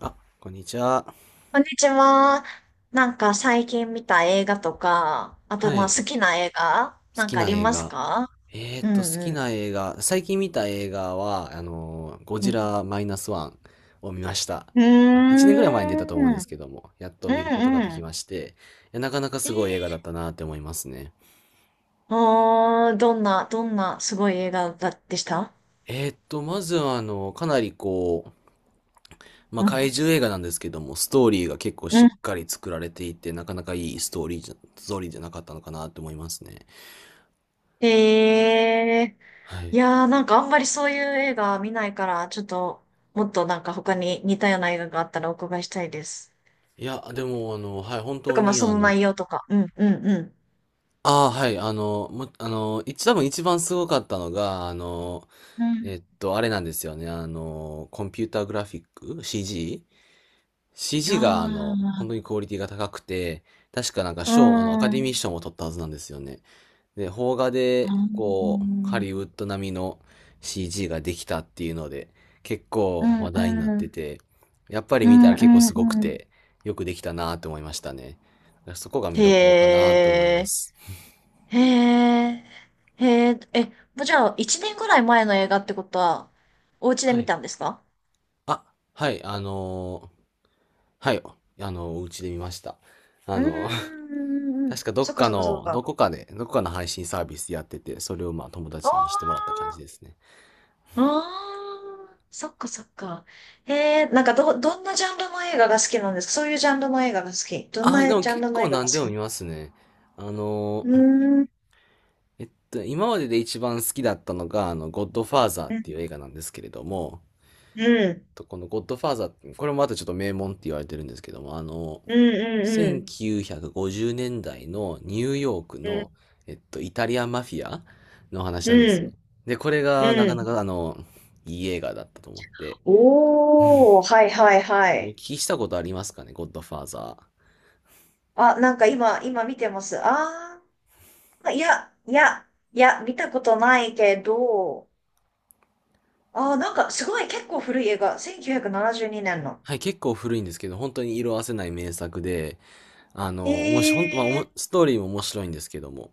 あ、こんにちは。こんにちは。なんか最近見た映画とか、あとはまあい。好きな映画好なんきかあなり映ます画。か？うん好きうな映画。最近見た映画は、ゴん。うジんラマイナスワンを見ました。うーあ、1年ぐらい前に出たと思うんん。でうんすけども、やっと見ることがでうきん。まして、いやなかなかすごい映画えだったなって思いますね。あー、どんなすごい映画だでした？まずは、かなりこう、まあ、うん。怪獣映画なんですけども、ストーリーが結構うしっん。かり作られていて、なかなかいいストーリーじゃなかったのかなって思いますね。えはー、いい。やー、なんかあんまりそういう映画見ないから、ちょっともっとなんか他に似たような映画があったらお伺いしたいです。いや、でも、はい、本と当かまあに、その内容とか。うんうんうん。ああ、はい、あの、も、あの、一、多分一番すごかったのが、うん。あれなんですよね、コンピューターグラフィック あ ?CG?CG が、本あ。当にクオリティが高くて、確かなんかう賞、アカん。うデん。ミー賞も取ったはずなんですよね。で、邦画うで、こう、ハリウんッド並みの CG ができたっていうので、結う構話ん。題になっうてん。て、やっぱりう見たん。ら結構すごくうん。て、よくできたなと思いましたね。だからそこが見へどころかなと思いまえ。す。へえ。へえ。え、もうじゃあ、一年ぐらい前の映画ってことは、お家では見い。たんですか？あ、はい、はい、お家で見ました。あうのー ーん。確かどそっっかかそっかそっの、どか。こかで、どこかの配信サービスやってて、それをまあ友あ達に見せてもらった感あ。じですね。ああ。そっかそっか。へえ。なんか、どんなジャンルの映画が好きなんですか？そういうジャンルの映画が好き。どんあ、でなもジャン結ルの構映画が好何できもなの？見ますね。あうのーーん。今までで一番好きだったのが、ゴッドファーザーっうん。ていう映画なんですけれども、うん。とこのゴッドファーザーこれもまたちょっと名門って言われてるんですけども、あのうん。うん。1950年代のニューヨークうの、ん。イタリアンマフィアの話なんですうよ。ん、で、これがなうかなん。かいい映画だったと思って。おー、はいはいはお聞い。きしたことありますかね、ゴッドファーザー。あ、なんか今見てます。あー、いや、いや、いや、見たことないけど、あー、なんかすごい結構古い映画。1972年の。はい、結構古いんですけど、本当に色褪せない名作で、面白い、ほんとまあ、へー、ストーリーも面白いんですけども、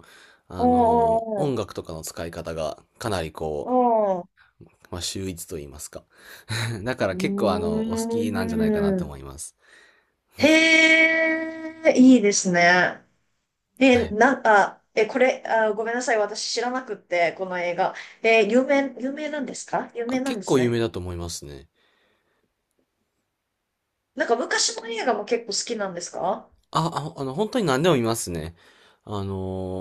お音ー、楽とかの使い方がかなりこう、おー、まあ、秀逸と言いますか。だかうら結構お好ーきなんじゃないかなとん。思います。へえ、いいですね。はえ、い。なんか、え、これ、あ、ごめんなさい。私知らなくって、この映画。え、有名なんですか？有あ、名なん結です構有名ね。だと思いますね。なんか昔の映画も結構好きなんですか？あ、あ、本当に何でも見ますね。あ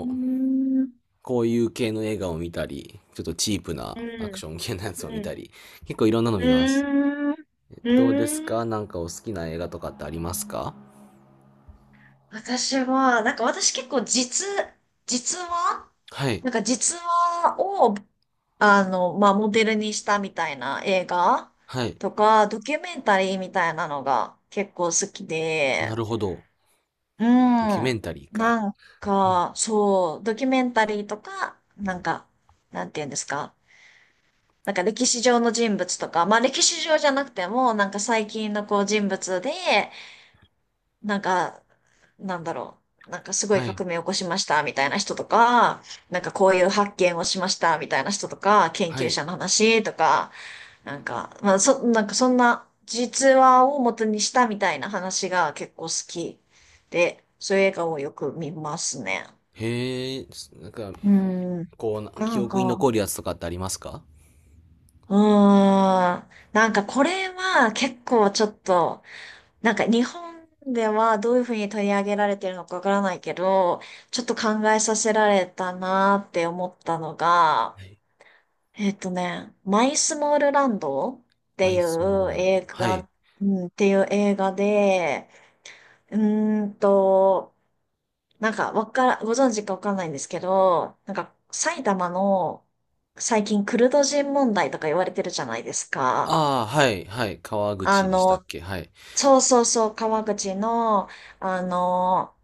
うーーん、うこういう系の映画を見たり、ちょっとチープなアクん、ション系のやつを見うん、たり、結構いろんなのう見ます。ーん、うどうですーか、ん。なんかお好きな映画とかってありますか？私は、なんか私結構実話、はい、なんか実話を、あの、まあ、モデルにしたみたいな映画はい。とか、ドキュメンタリーみたいなのが結構好きなで、るほど。うドキュメん。ンタリーか。なんか、そう、ドキュメンタリーとか、なんか、なんていうんですか。なんか歴史上の人物とか、まあ歴史上じゃなくても、なんか最近のこう人物で、なんか、なんだろう、なんかすごいはい、革命を起こしましたみたいな人とか、なんかこういう発見をしましたみたいな人とか、研は究い。者の話とか、なんか、まあそ、なんかそんな実話を元にしたみたいな話が結構好きで、そういう映画をよく見ますね。へえ、なんか、うん。こうな、な記ん憶にか、残るやつとかってありますか？うーん。なんかこれは結構ちょっとなんか日本ではどういうふうに取り上げられてるのかわからないけど、ちょっと考えさせられたなーって思ったのが、はい。マイスモールランドっマていイスモールうランド。映はい。画、うん、っていう映画で、うーんと、なんかわから、ご存知かわかんないんですけど、なんか埼玉の最近クルド人問題とか言われてるじゃないですか。ああ、はい、はい。川あ口でしたっの、け？はい、そうそうそう、川口の、あの、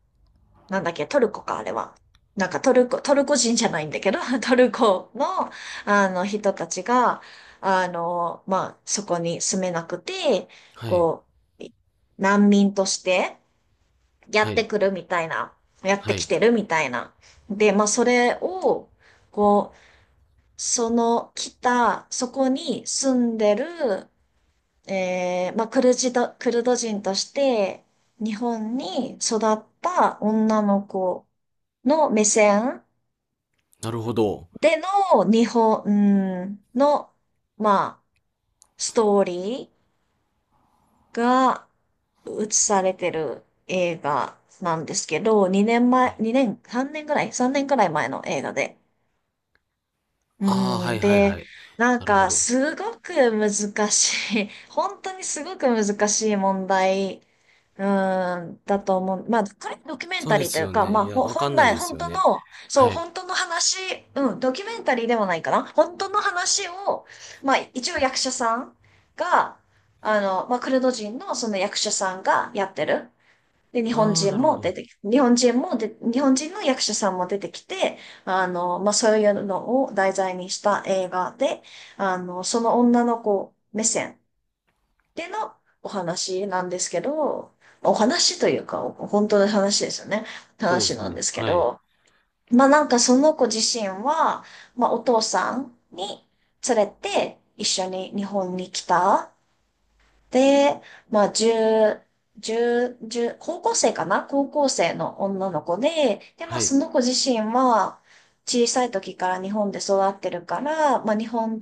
なんだっけ、トルコか、あれは。なんかトルコ人じゃないんだけど、トルコの、あの、人たちが、あの、まあ、そこに住めなくて、はい。こう、難民としてやはってい。くるみたいな、やってはきい。てるみたいな。で、まあ、それを、こう、その来た、そこに住んでる、まあ、クルド人として、日本に育った女の子の目線なるほど。での日本の、まあ、ストーリーが映されてる映画なんですけど、2年は前、い。2年、3年ぐらい、3年ぐらい前の映画で、うああ、はん、いはいで、はい。なんなるほか、ど。すごく難しい、本当にすごく難しい問題、うん、だと思う。まあ、これドキュメンそうタでリーとすいうよか、ね。まいあ、や、わか本んない来、です本よ当ね。の、そう、はい。本当の話、うん、ドキュメンタリーではないかな。本当の話を、まあ、一応役者さんが、あの、まあ、クルド人のその役者さんがやってる。で、日本ああ、人なるほもど。出てき、日本人もで、日本人の役者さんも出てきて、あの、まあ、そういうのを題材にした映画で、あの、その女の子目線でのお話なんですけど、お話というか、本当の話ですよね。そうで話すなんね。ですけはい。ど、まあ、なんかその子自身は、まあ、お父さんに連れて一緒に日本に来た。で、まあ、10、1高校生かな、高校生の女の子で、で、まあ、はい。その子自身は、小さい時から日本で育ってるから、まあ、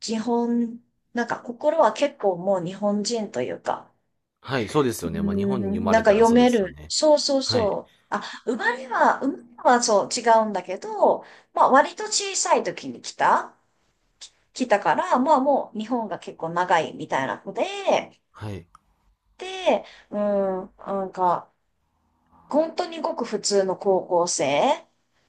日本、なんか心は結構もう日本人というか、はい、そうですうよーね。まあ、日本に生ん、まなれんかたら読そうでめすよる。ね。そうそうはい。そう。あ、生まれはそう違うんだけど、まあ、割と小さい時に来たから、まあ、もう日本が結構長いみたいな子で、はい。で、うん、なんか、本当にごく普通の高校生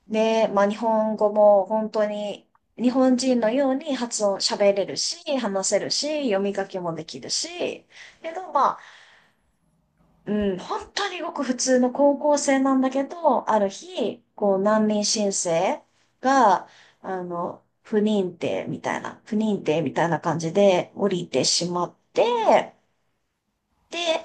で、まあ日本語も本当に日本人のように発音喋れるし、話せるし、読み書きもできるし、けどまあ、うん、本当にごく普通の高校生なんだけど、ある日、こう難民申請が、あの、不認定みたいな感じで降りてしまって、で、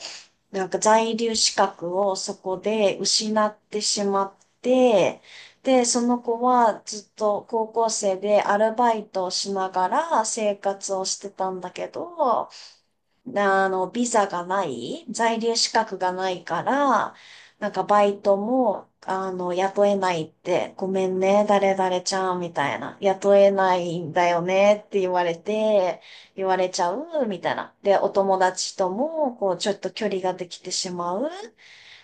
なんか在留資格をそこで失ってしまって、で、その子はずっと高校生でアルバイトをしながら生活をしてたんだけど、あの、ビザがない、在留資格がないから、なんかバイトも、あの、雇えないって、ごめんね、誰々ちゃん、みたいな。雇えないんだよね、って言われて、言われちゃう、みたいな。で、お友達とも、こう、ちょっと距離ができてしまう。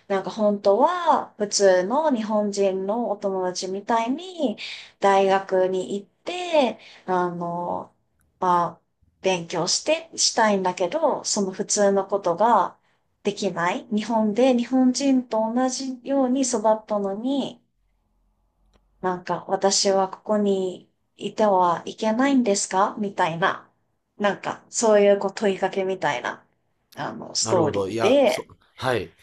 なんか本当は普通の日本人のお友達みたいに大学に行って、あの、まあ、勉強してしたいんだけど、その普通のことができない。日本で日本人と同じように育ったのに、なんか私はここにいてはいけないんですか？みたいな。なんかそういうこう問いかけみたいな、あの、スなるトーほリど。いーや、で、はい。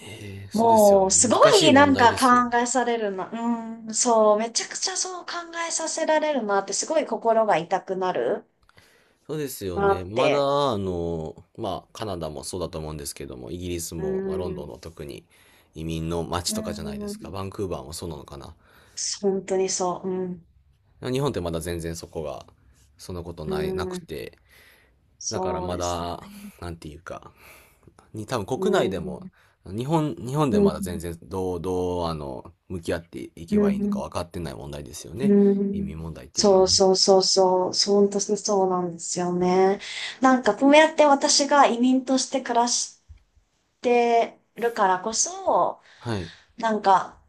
ええ、そうですよもね。う、すご難しいいな問ん題かですよね。考えされるな。うん、そう、めちゃくちゃそう考えさせられるなって、すごい心が痛くなるそうですよなね。っまて。だ、うまあ、カナダもそうだと思うんですけども、イギリスん、も、まあ、ロンうドンん、の特に移民の街うとかじゃないですか。ん、バンクーバーもそうなのかな。本当にそう。うん、日本ってまだ全然そこが、そんなことうない、なくん、て、だからそうまですだ、ね。なんていうか、に多分う国内でん、も、日本でうもん、まだ全然どう、向き合っていけうばいいのかん、分かってない問題ですようね。移ん。民問題っていうのそはうね。そうそうそう、そう本当にそうなんですよね。なんかこうやって私が移民として暮らしてるからこそ、はい。なんか、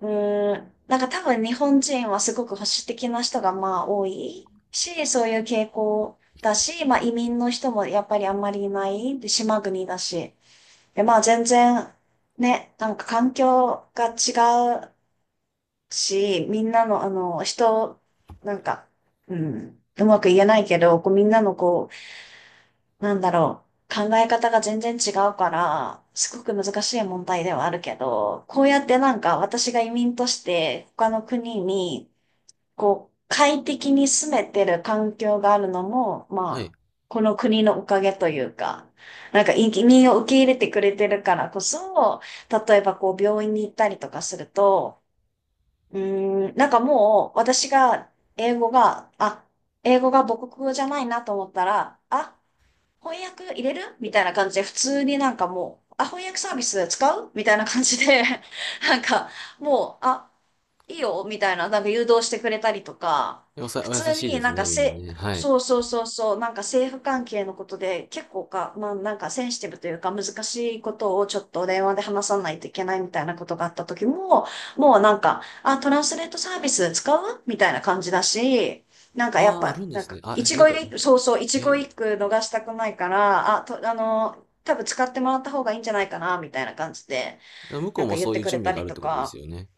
うーん、なんか多分日本人はすごく保守的な人がまあ多いし、そういう傾向だし、まあ移民の人もやっぱりあんまりいない、で、島国だし。で、まあ全然ね、なんか環境が違うし、みんなのあの人、なんか、うん、うまく言えないけど、こうみんなのこう、なんだろう。考え方が全然違うから、すごく難しい問題ではあるけど、こうやってなんか私が移民として他の国に、こう、快適に住めてる環境があるのも、はい。まあ、この国のおかげというか、なんか移民を受け入れてくれてるからこそ、例えばこう病院に行ったりとかすると、うーん、なんかもう私が英語が、あ、英語が母国語じゃないなと思ったら、あ、翻訳入れるみたいな感じで、普通になんかもう、あ、翻訳サービス使うみたいな感じで、なんか、もう、あ、いいよ、みたいな、なんか誘導してくれたりとか、普お優通しいにでなすんかね、みんなせ、ね。はい。そうそうそうそう、なんか政府関係のことで結構まあなんかセンシティブというか難しいことをちょっと電話で話さないといけないみたいなことがあった時も、もうなんか、あ、トランスレートサービス使うみたいな感じだし、なんかやっああ、あぱ、るんでなんすね。か、あ、え一期一なんか、会、そうそう、一期え、一会逃したくないから、あ、あの、多分使ってもらった方がいいんじゃないかな、みたいな感じで、向こなうんかも言っそうていうくれ準た備がありるっとてことでか、すよね。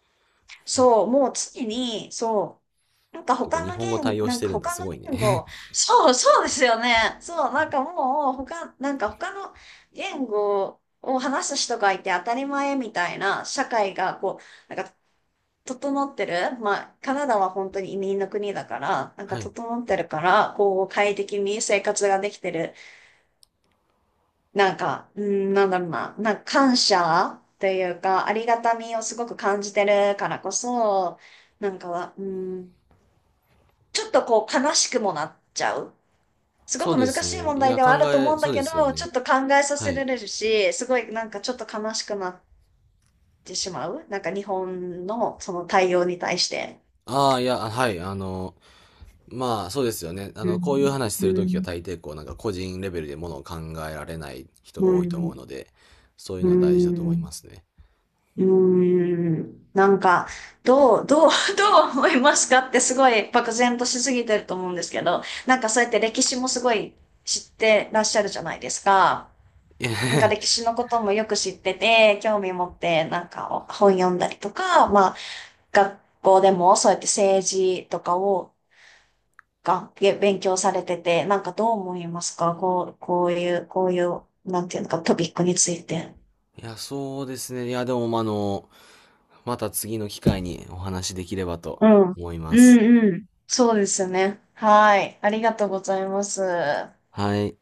そう、もう常に、そう、なんかてか、他日の本語言、対応なしんてかるんだ、他すのごい言ね。語、そう、そうですよね。そう、なんかもう、なんか他の言語を話す人がいて当たり前みたいな社会が、こう、なんか整ってる、まあ、カナダは本当に移民の国だから、なんかはい。整ってるから、こう、快適に生活ができてる。なんか、うん、なんだろうな、なんか感謝というか、ありがたみをすごく感じてるからこそ、なんかは、うん、ちょっとこう、悲しくもなっちゃう。すごそうくで難すしいね。問い題や、ではあると思うんそだうけですよど、ちょね。っと考えさはせらい。れるし、すごいなんかちょっと悲しくなってしまう。なんか日本のその対応に対して。ああ、いや、はい、まあ、そうですよね。うこういうん。話すうるときはん大抵こう、なんか個人レベルでものを考えられない人うが多いと思うん、ので、そういううのは大事だと思いん、ますね。うん、なんか、どう、どう、どう思いますかってすごい漠然としすぎてると思うんですけど、なんかそうやって歴史もすごい知ってらっしゃるじゃないですか。いや、なんか歴史のこともよく知ってて、興味持って、なんか本読んだりとか、まあ、学校でもそうやって政治とかを、が、げ勉強されてて、なんかどう思いますか？こう、こういう、こういう、なんていうのか、トピックについて。いやそうですね。いや、でも、まあまた次の機会にお話しできればとうん。思いまうす。んうん。そうですよね。はい。ありがとうございます。はい。